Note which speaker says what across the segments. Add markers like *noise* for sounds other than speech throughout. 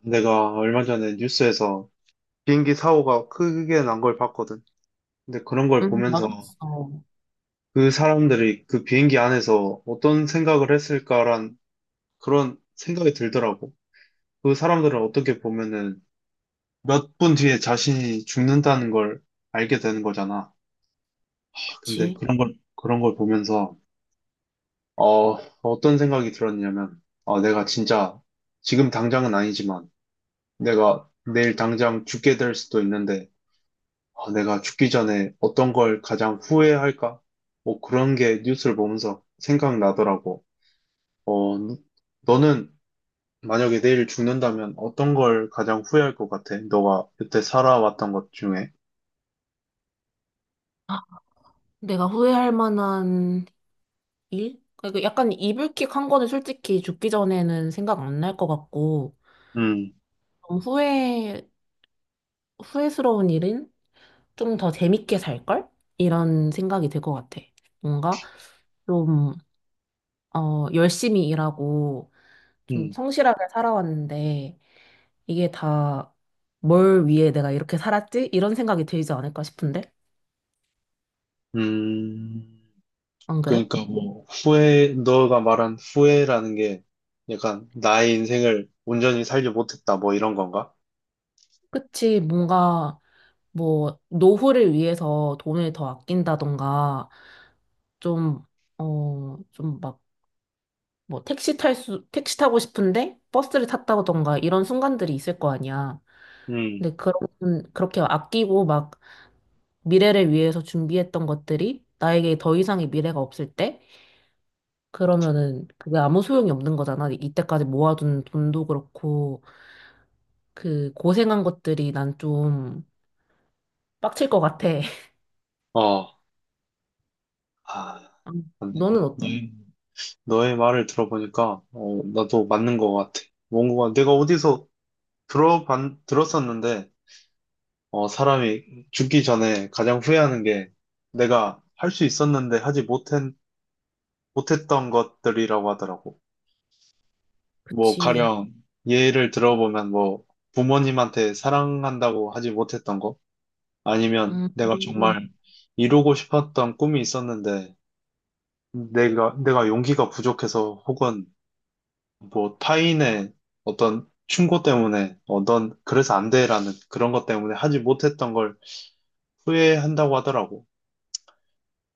Speaker 1: 내가 얼마 전에 뉴스에서 비행기 사고가 크게 난 걸 봤거든. 근데 그런 걸 보면서
Speaker 2: 나도 봤어.
Speaker 1: 그 사람들이 그 비행기 안에서 어떤 생각을 했을까란 그런 생각이 들더라고. 그 사람들은 어떻게 보면은 몇 분 뒤에 자신이 죽는다는 걸 알게 되는 거잖아. 근데
Speaker 2: 그치.
Speaker 1: 그런 걸 보면서, 어, 어떤 생각이 들었냐면, 내가 진짜 지금 당장은 아니지만 내가 내일 당장 죽게 될 수도 있는데, 아, 내가 죽기 전에 어떤 걸 가장 후회할까? 뭐 그런 게 뉴스를 보면서 생각나더라고. 어, 너는 만약에 내일 죽는다면 어떤 걸 가장 후회할 것 같아? 너가 그때 살아왔던 것 중에.
Speaker 2: 아, 내가 후회할 만한 일? 그러니까 약간 이불킥 한 거는 솔직히 죽기 전에는 생각 안 날 것 같고,
Speaker 1: 음,
Speaker 2: 좀 후회스러운 일은 좀 더 재밌게 살걸? 이런 생각이 들 것 같아. 뭔가 좀, 열심히 일하고, 좀
Speaker 1: 음,
Speaker 2: 성실하게 살아왔는데, 이게 다 뭘 위해 내가 이렇게 살았지? 이런 생각이 들지 않을까 싶은데?
Speaker 1: 음.
Speaker 2: 안 그래?
Speaker 1: 그러니까 뭐 후회, 너가 말한 후회라는 게 약간 나의 인생을 온전히 살지 못했다, 뭐 이런 건가?
Speaker 2: 그치, 뭔가, 뭐, 노후를 위해서 돈을 더 아낀다던가, 좀, 좀 막, 뭐, 택시 타고 싶은데 버스를 탔다던가 이런 순간들이 있을 거 아니야.
Speaker 1: 음,
Speaker 2: 근데 그렇게 아끼고 막 미래를 위해서 준비했던 것들이 나에게 더 이상의 미래가 없을 때, 그러면은 그게 아무 소용이 없는 거잖아. 이때까지 모아둔 돈도 그렇고, 그 고생한 것들이 난 좀 빡칠 것 같아. *laughs*
Speaker 1: 어, 아,
Speaker 2: 너는 어때?
Speaker 1: 맞네. 너의 말을 들어보니까, 나도 맞는 것 같아. 뭔가 내가 어디서 들었었는데, 사람이 죽기 전에 가장 후회하는 게 내가 할 수 있었는데 못했던 것들이라고 하더라고. 뭐,
Speaker 2: 그치.
Speaker 1: 가령 예를 들어보면 뭐, 부모님한테 사랑한다고 하지 못했던 거, 아니면 내가
Speaker 2: 음.
Speaker 1: 정말 이루고 싶었던 꿈이 있었는데, 내가 용기가 부족해서 혹은 뭐 타인의 어떤 충고 때문에 넌 그래서 안 돼라는 그런 것 때문에 하지 못했던 걸 후회한다고 하더라고.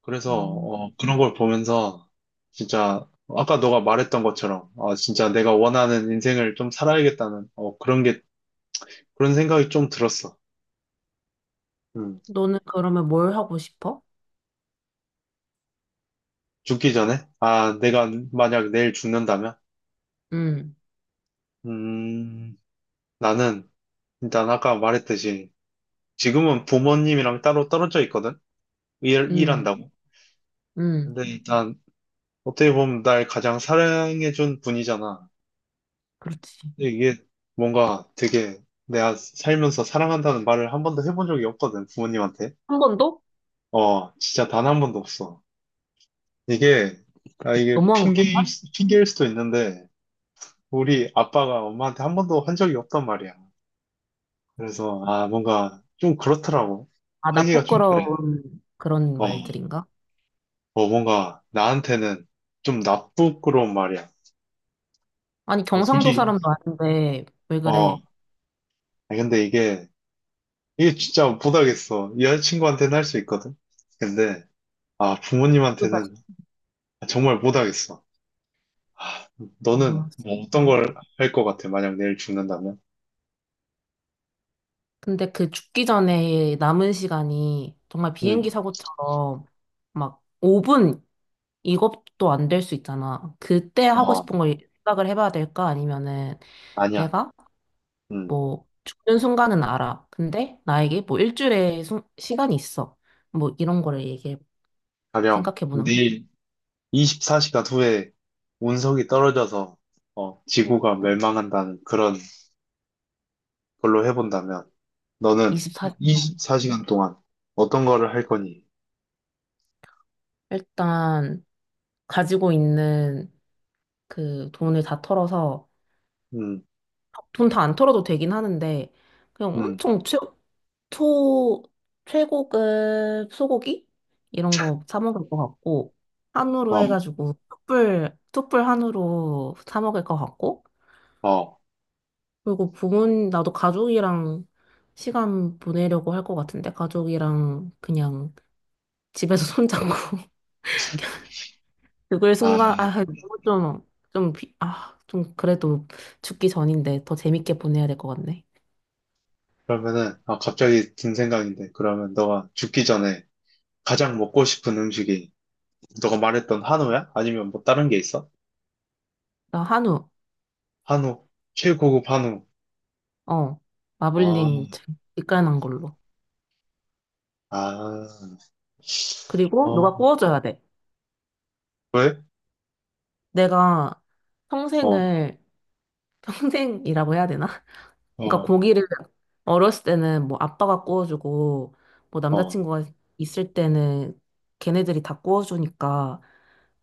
Speaker 1: 그래서
Speaker 2: 음,
Speaker 1: 그런 걸 보면서 진짜 아까 너가 말했던 것처럼, 아, 진짜 내가 원하는 인생을 좀 살아야겠다는 그런 게 그런 생각이 좀 들었어. 음.
Speaker 2: 너는 그러면 뭘 하고 싶어?
Speaker 1: 죽기 전에, 아, 내가 만약 내일 죽는다면,
Speaker 2: 응
Speaker 1: 음, 나는 일단 아까 말했듯이 지금은 부모님이랑 따로 떨어져 있거든.
Speaker 2: 응
Speaker 1: 일한다고.
Speaker 2: 응
Speaker 1: 근데 일단 어떻게 보면 날 가장 사랑해준 분이잖아.
Speaker 2: 그렇지.
Speaker 1: 근데 이게 뭔가 되게 내가 살면서 사랑한다는 말을 한 번도 해본 적이 없거든, 부모님한테.
Speaker 2: 한 번도?
Speaker 1: 진짜 단 한 번도 없어. 이게, 이게
Speaker 2: 너무한 거 같나?
Speaker 1: 핑계일 수도 있는데, 우리 아빠가 엄마한테 한 번도 한 적이 없단 말이야. 그래서, 아, 뭔가 좀 그렇더라고.
Speaker 2: 아, 나
Speaker 1: 하기가 좀 그래.
Speaker 2: 부끄러운 그런
Speaker 1: 어,
Speaker 2: 말들인가?
Speaker 1: 뭔가 나한테는 좀 나쁘고 그런 말이야.
Speaker 2: 아니, 경상도
Speaker 1: 솔직히,
Speaker 2: 사람도 아닌데, 왜
Speaker 1: 어,
Speaker 2: 그래?
Speaker 1: 아니, 근데 이게 진짜 못하겠어. 이 여자친구한테는 할 수 있거든. 근데, 아,
Speaker 2: 그다
Speaker 1: 부모님한테는 정말 못하겠어. 아, 너는 뭐 어떤
Speaker 2: 진짜.
Speaker 1: 걸 할 것 같아, 만약 내일 죽는다면?
Speaker 2: 근데 그 죽기 전에 남은 시간이 정말 비행기
Speaker 1: 응,
Speaker 2: 사고처럼 막 5분 이것도 안 될 수 있잖아. 그때 하고
Speaker 1: 어,
Speaker 2: 싶은 걸 생각을 해봐야 될까? 아니면은
Speaker 1: 아니야.
Speaker 2: 내가
Speaker 1: 응,
Speaker 2: 뭐 죽는 순간은 알아. 근데 나에게 뭐 일주일의 시간이 있어. 뭐 이런 거를 얘기해
Speaker 1: 가령
Speaker 2: 생각해보는
Speaker 1: 내일 24시간 후에 운석이 떨어져서, 지구가 멸망한다는 그런 걸로 해본다면, 너는
Speaker 2: 24시간.
Speaker 1: 24시간 동안 어떤 거를 할 거니?
Speaker 2: 일단 가지고 있는 그 돈을 다 털어서
Speaker 1: 응,
Speaker 2: 돈 다 안 털어도 되긴 하는데 그냥
Speaker 1: 응,
Speaker 2: 엄청 초 최고급 소고기 이런 거 사 먹을 것 같고 한우로
Speaker 1: 어,
Speaker 2: 해가지고 툭불 툭불 한우로 사 먹을 것 같고
Speaker 1: 어,
Speaker 2: 그리고 나도 가족이랑 시간 보내려고 할 것 같은데, 가족이랑 그냥 집에서 손잡고. *laughs* 그걸
Speaker 1: 아.
Speaker 2: 순간, 아, 너무 좀, 아, 좀 그래도 죽기 전인데 더 재밌게 보내야 될 것 같네.
Speaker 1: 그러면은, 아, 갑자기 든 생각인데, 그러면 너가 죽기 전에 가장 먹고 싶은 음식이 너가 말했던 한우야? 아니면 뭐 다른 게 있어?
Speaker 2: 나 한우,
Speaker 1: 한우, 최고급 한우.
Speaker 2: 어,
Speaker 1: 아,
Speaker 2: 마블링 참 직관한 걸로.
Speaker 1: 아,
Speaker 2: 그리고 누가
Speaker 1: 어,
Speaker 2: 구워줘야 돼.
Speaker 1: 왜?
Speaker 2: 내가
Speaker 1: 어,
Speaker 2: 평생을, *laughs* 평생이라고 해야 되나? 그러니까
Speaker 1: 어,
Speaker 2: 고기를 어렸을 때는 뭐 아빠가 구워주고 뭐
Speaker 1: 어,
Speaker 2: 남자친구가 있을 때는 걔네들이 다 구워주니까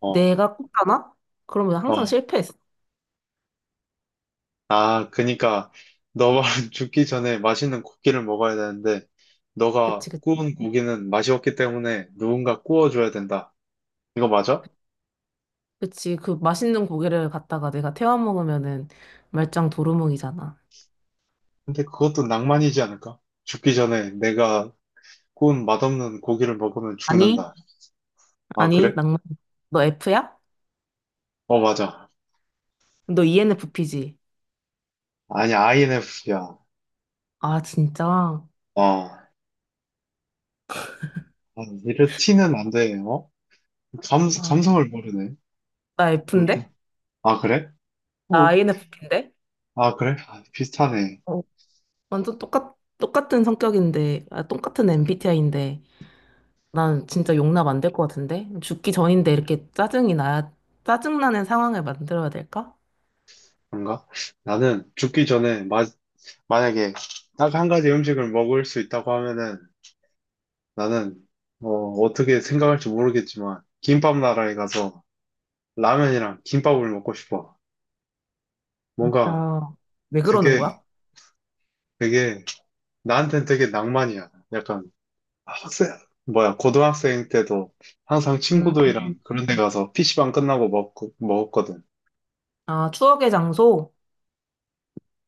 Speaker 1: 어,
Speaker 2: 내가 굽잖아? 그러면
Speaker 1: 어.
Speaker 2: 항상 실패했어.
Speaker 1: 아, 그니까, 너 말은 *laughs* 죽기 전에 맛있는 고기를 먹어야 되는데, 너가
Speaker 2: 그치, 그치.
Speaker 1: 구운 고기는 맛이 없기 때문에 누군가 구워줘야 된다. 이거 맞아?
Speaker 2: 그치. 그 맛있는 고기를 갖다가 내가 태워 먹으면은 말짱 도루묵이잖아.
Speaker 1: 근데 그것도 낭만이지 않을까? 죽기 전에 내가 꼰 맛없는 고기를 먹으면
Speaker 2: 아니,
Speaker 1: 죽는다. 아,
Speaker 2: 아니,
Speaker 1: 그래?
Speaker 2: 낭만. 너 F야?
Speaker 1: 어, 맞아.
Speaker 2: 너 ENFP지?
Speaker 1: 아니, INFP야.
Speaker 2: 아, 진짜?
Speaker 1: 어. 이래 티는 안 돼, 어?
Speaker 2: 아,
Speaker 1: 감성을 모르네.
Speaker 2: 나
Speaker 1: 일단.
Speaker 2: F인데?
Speaker 1: 아, 그래?
Speaker 2: 나
Speaker 1: 어.
Speaker 2: INFP인데?
Speaker 1: 아, 그래? 아, 비슷하네.
Speaker 2: 어, 완전 똑같은 성격인데, 아, 똑같은 MBTI인데. 난 진짜 용납 안 될 것 같은데? 죽기 전인데 이렇게 짜증이 나야, 짜증나는 상황을 만들어야 될까?
Speaker 1: 그런가? 나는 죽기 전에, 만약에 딱 한 가지 음식을 먹을 수 있다고 하면은, 나는, 어, 어떻게 생각할지 모르겠지만, 김밥 나라에 가서 라면이랑 김밥을 먹고 싶어. 뭔가,
Speaker 2: 진짜, 왜 그러는
Speaker 1: 그게
Speaker 2: 거야?
Speaker 1: 되게, 나한텐 되게 낭만이야. 약간. 아, 학생, 고등학생 때도 항상
Speaker 2: 음,
Speaker 1: 친구들이랑 그런 데 가서 PC방 끝나고 먹었거든.
Speaker 2: 아, 추억의 장소?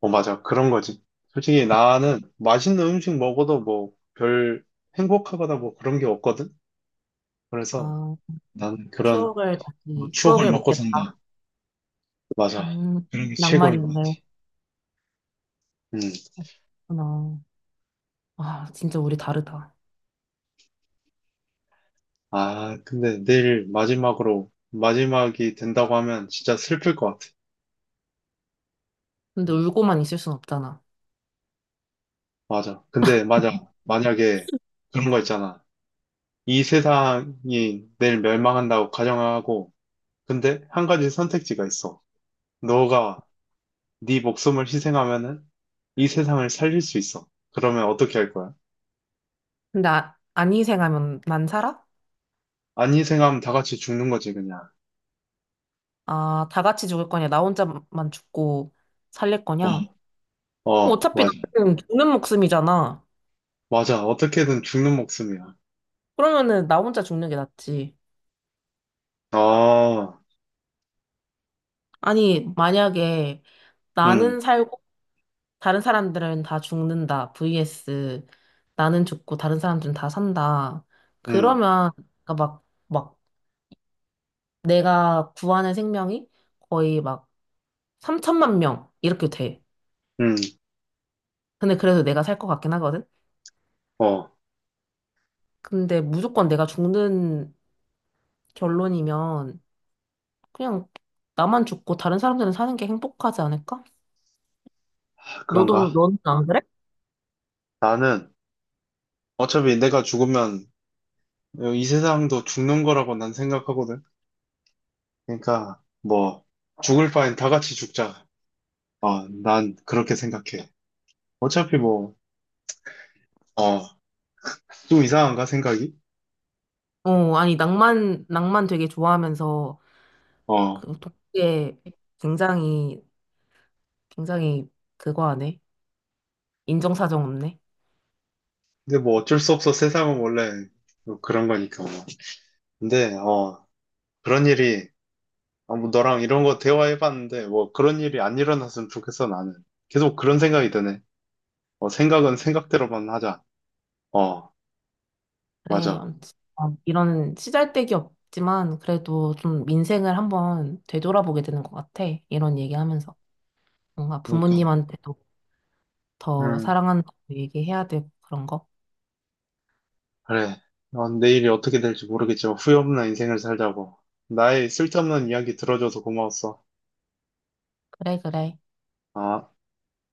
Speaker 1: 어, 맞아. 그런 거지. 솔직히 나는 맛있는 음식 먹어도 뭐 별 행복하거나 뭐 그런 게 없거든. 그래서
Speaker 2: 아,
Speaker 1: 나는 그런 뭐 추억을
Speaker 2: 추억을
Speaker 1: 먹고
Speaker 2: 먹겠다.
Speaker 1: 산다. 맞아.
Speaker 2: 음,
Speaker 1: 그런 게
Speaker 2: 낭만이
Speaker 1: 최고인 것 같아.
Speaker 2: 있네.
Speaker 1: 음.
Speaker 2: 그렇구나. 아, 진짜 우리 다르다.
Speaker 1: 아, 근데 내일 마지막이 된다고 하면 진짜 슬플 것 같아.
Speaker 2: 근데
Speaker 1: 음,
Speaker 2: 울고만 있을 순 없잖아.
Speaker 1: 맞아. 근데 맞아. 만약에 그런 거 있잖아. 이 세상이 내일 멸망한다고 가정하고, 근데 한 가지 선택지가 있어. 너가 네 목숨을 희생하면은 이 세상을 살릴 수 있어. 그러면 어떻게 할 거야?
Speaker 2: 근데 아, 안 희생하면 난 살아?
Speaker 1: 안 희생하면 다 같이 죽는 거지, 그냥.
Speaker 2: 아, 다 같이 죽을 거냐? 나 혼자만 죽고 살릴 거냐?
Speaker 1: 어, 어,
Speaker 2: 어차피
Speaker 1: 맞아.
Speaker 2: 나는 죽는 목숨이잖아.
Speaker 1: 맞아. 어떻게든 죽는 목숨이야.
Speaker 2: 그러면은 나 혼자 죽는 게 낫지.
Speaker 1: 아,
Speaker 2: 아니, 만약에
Speaker 1: 음,
Speaker 2: 나는 살고 다른 사람들은 다 죽는다. vs 나는 죽고 다른 사람들은 다 산다.
Speaker 1: 음,
Speaker 2: 그러면 그러니까 막 내가 구하는 생명이 거의 막 3천만 명 이렇게 돼.
Speaker 1: 음,
Speaker 2: 근데 그래도 내가 살 것 같긴 하거든.
Speaker 1: 어,
Speaker 2: 근데 무조건 내가 죽는 결론이면 그냥 나만 죽고 다른 사람들은 사는 게 행복하지 않을까? 너도
Speaker 1: 그런가?
Speaker 2: 너는 안 그래?
Speaker 1: 나는 어차피 내가 죽으면 이 세상도 죽는 거라고 난 생각하거든. 그러니까, 뭐, 죽을 바엔 다 같이 죽자. 난 그렇게 생각해. 어차피 뭐, 어, 좀 이상한가 생각이?
Speaker 2: 아니, 낭만, 낭만 되게 좋아하면서,
Speaker 1: 어,
Speaker 2: 독해 굉장히, 굉장히 그거 하네. 인정사정 없네.
Speaker 1: 근데 뭐 어쩔 수 없어. 세상은 원래 뭐 그런 거니까 뭐. 근데, 그런 일이, 아, 뭐 너랑 이런 거 대화해봤는데, 뭐 그런 일이 안 일어났으면 좋겠어, 나는. 계속 그런 생각이 드네. 생각은 생각대로만 하자. 어.
Speaker 2: 그래,
Speaker 1: 맞아.
Speaker 2: 이런 시잘데기 없지만, 그래도 좀 민생을 한번 되돌아보게 되는 것 같아. 이런 얘기하면서. 뭔가
Speaker 1: 그러니까,
Speaker 2: 부모님한테도 더
Speaker 1: 음,
Speaker 2: 사랑한다고 얘기해야 되고, 그런 거.
Speaker 1: 그래. 내일이 어떻게 될지 모르겠지만 후회 없는 인생을 살자고. 나의 쓸데없는 이야기 들어줘서 고마웠어.
Speaker 2: 그래, 그래.
Speaker 1: 아.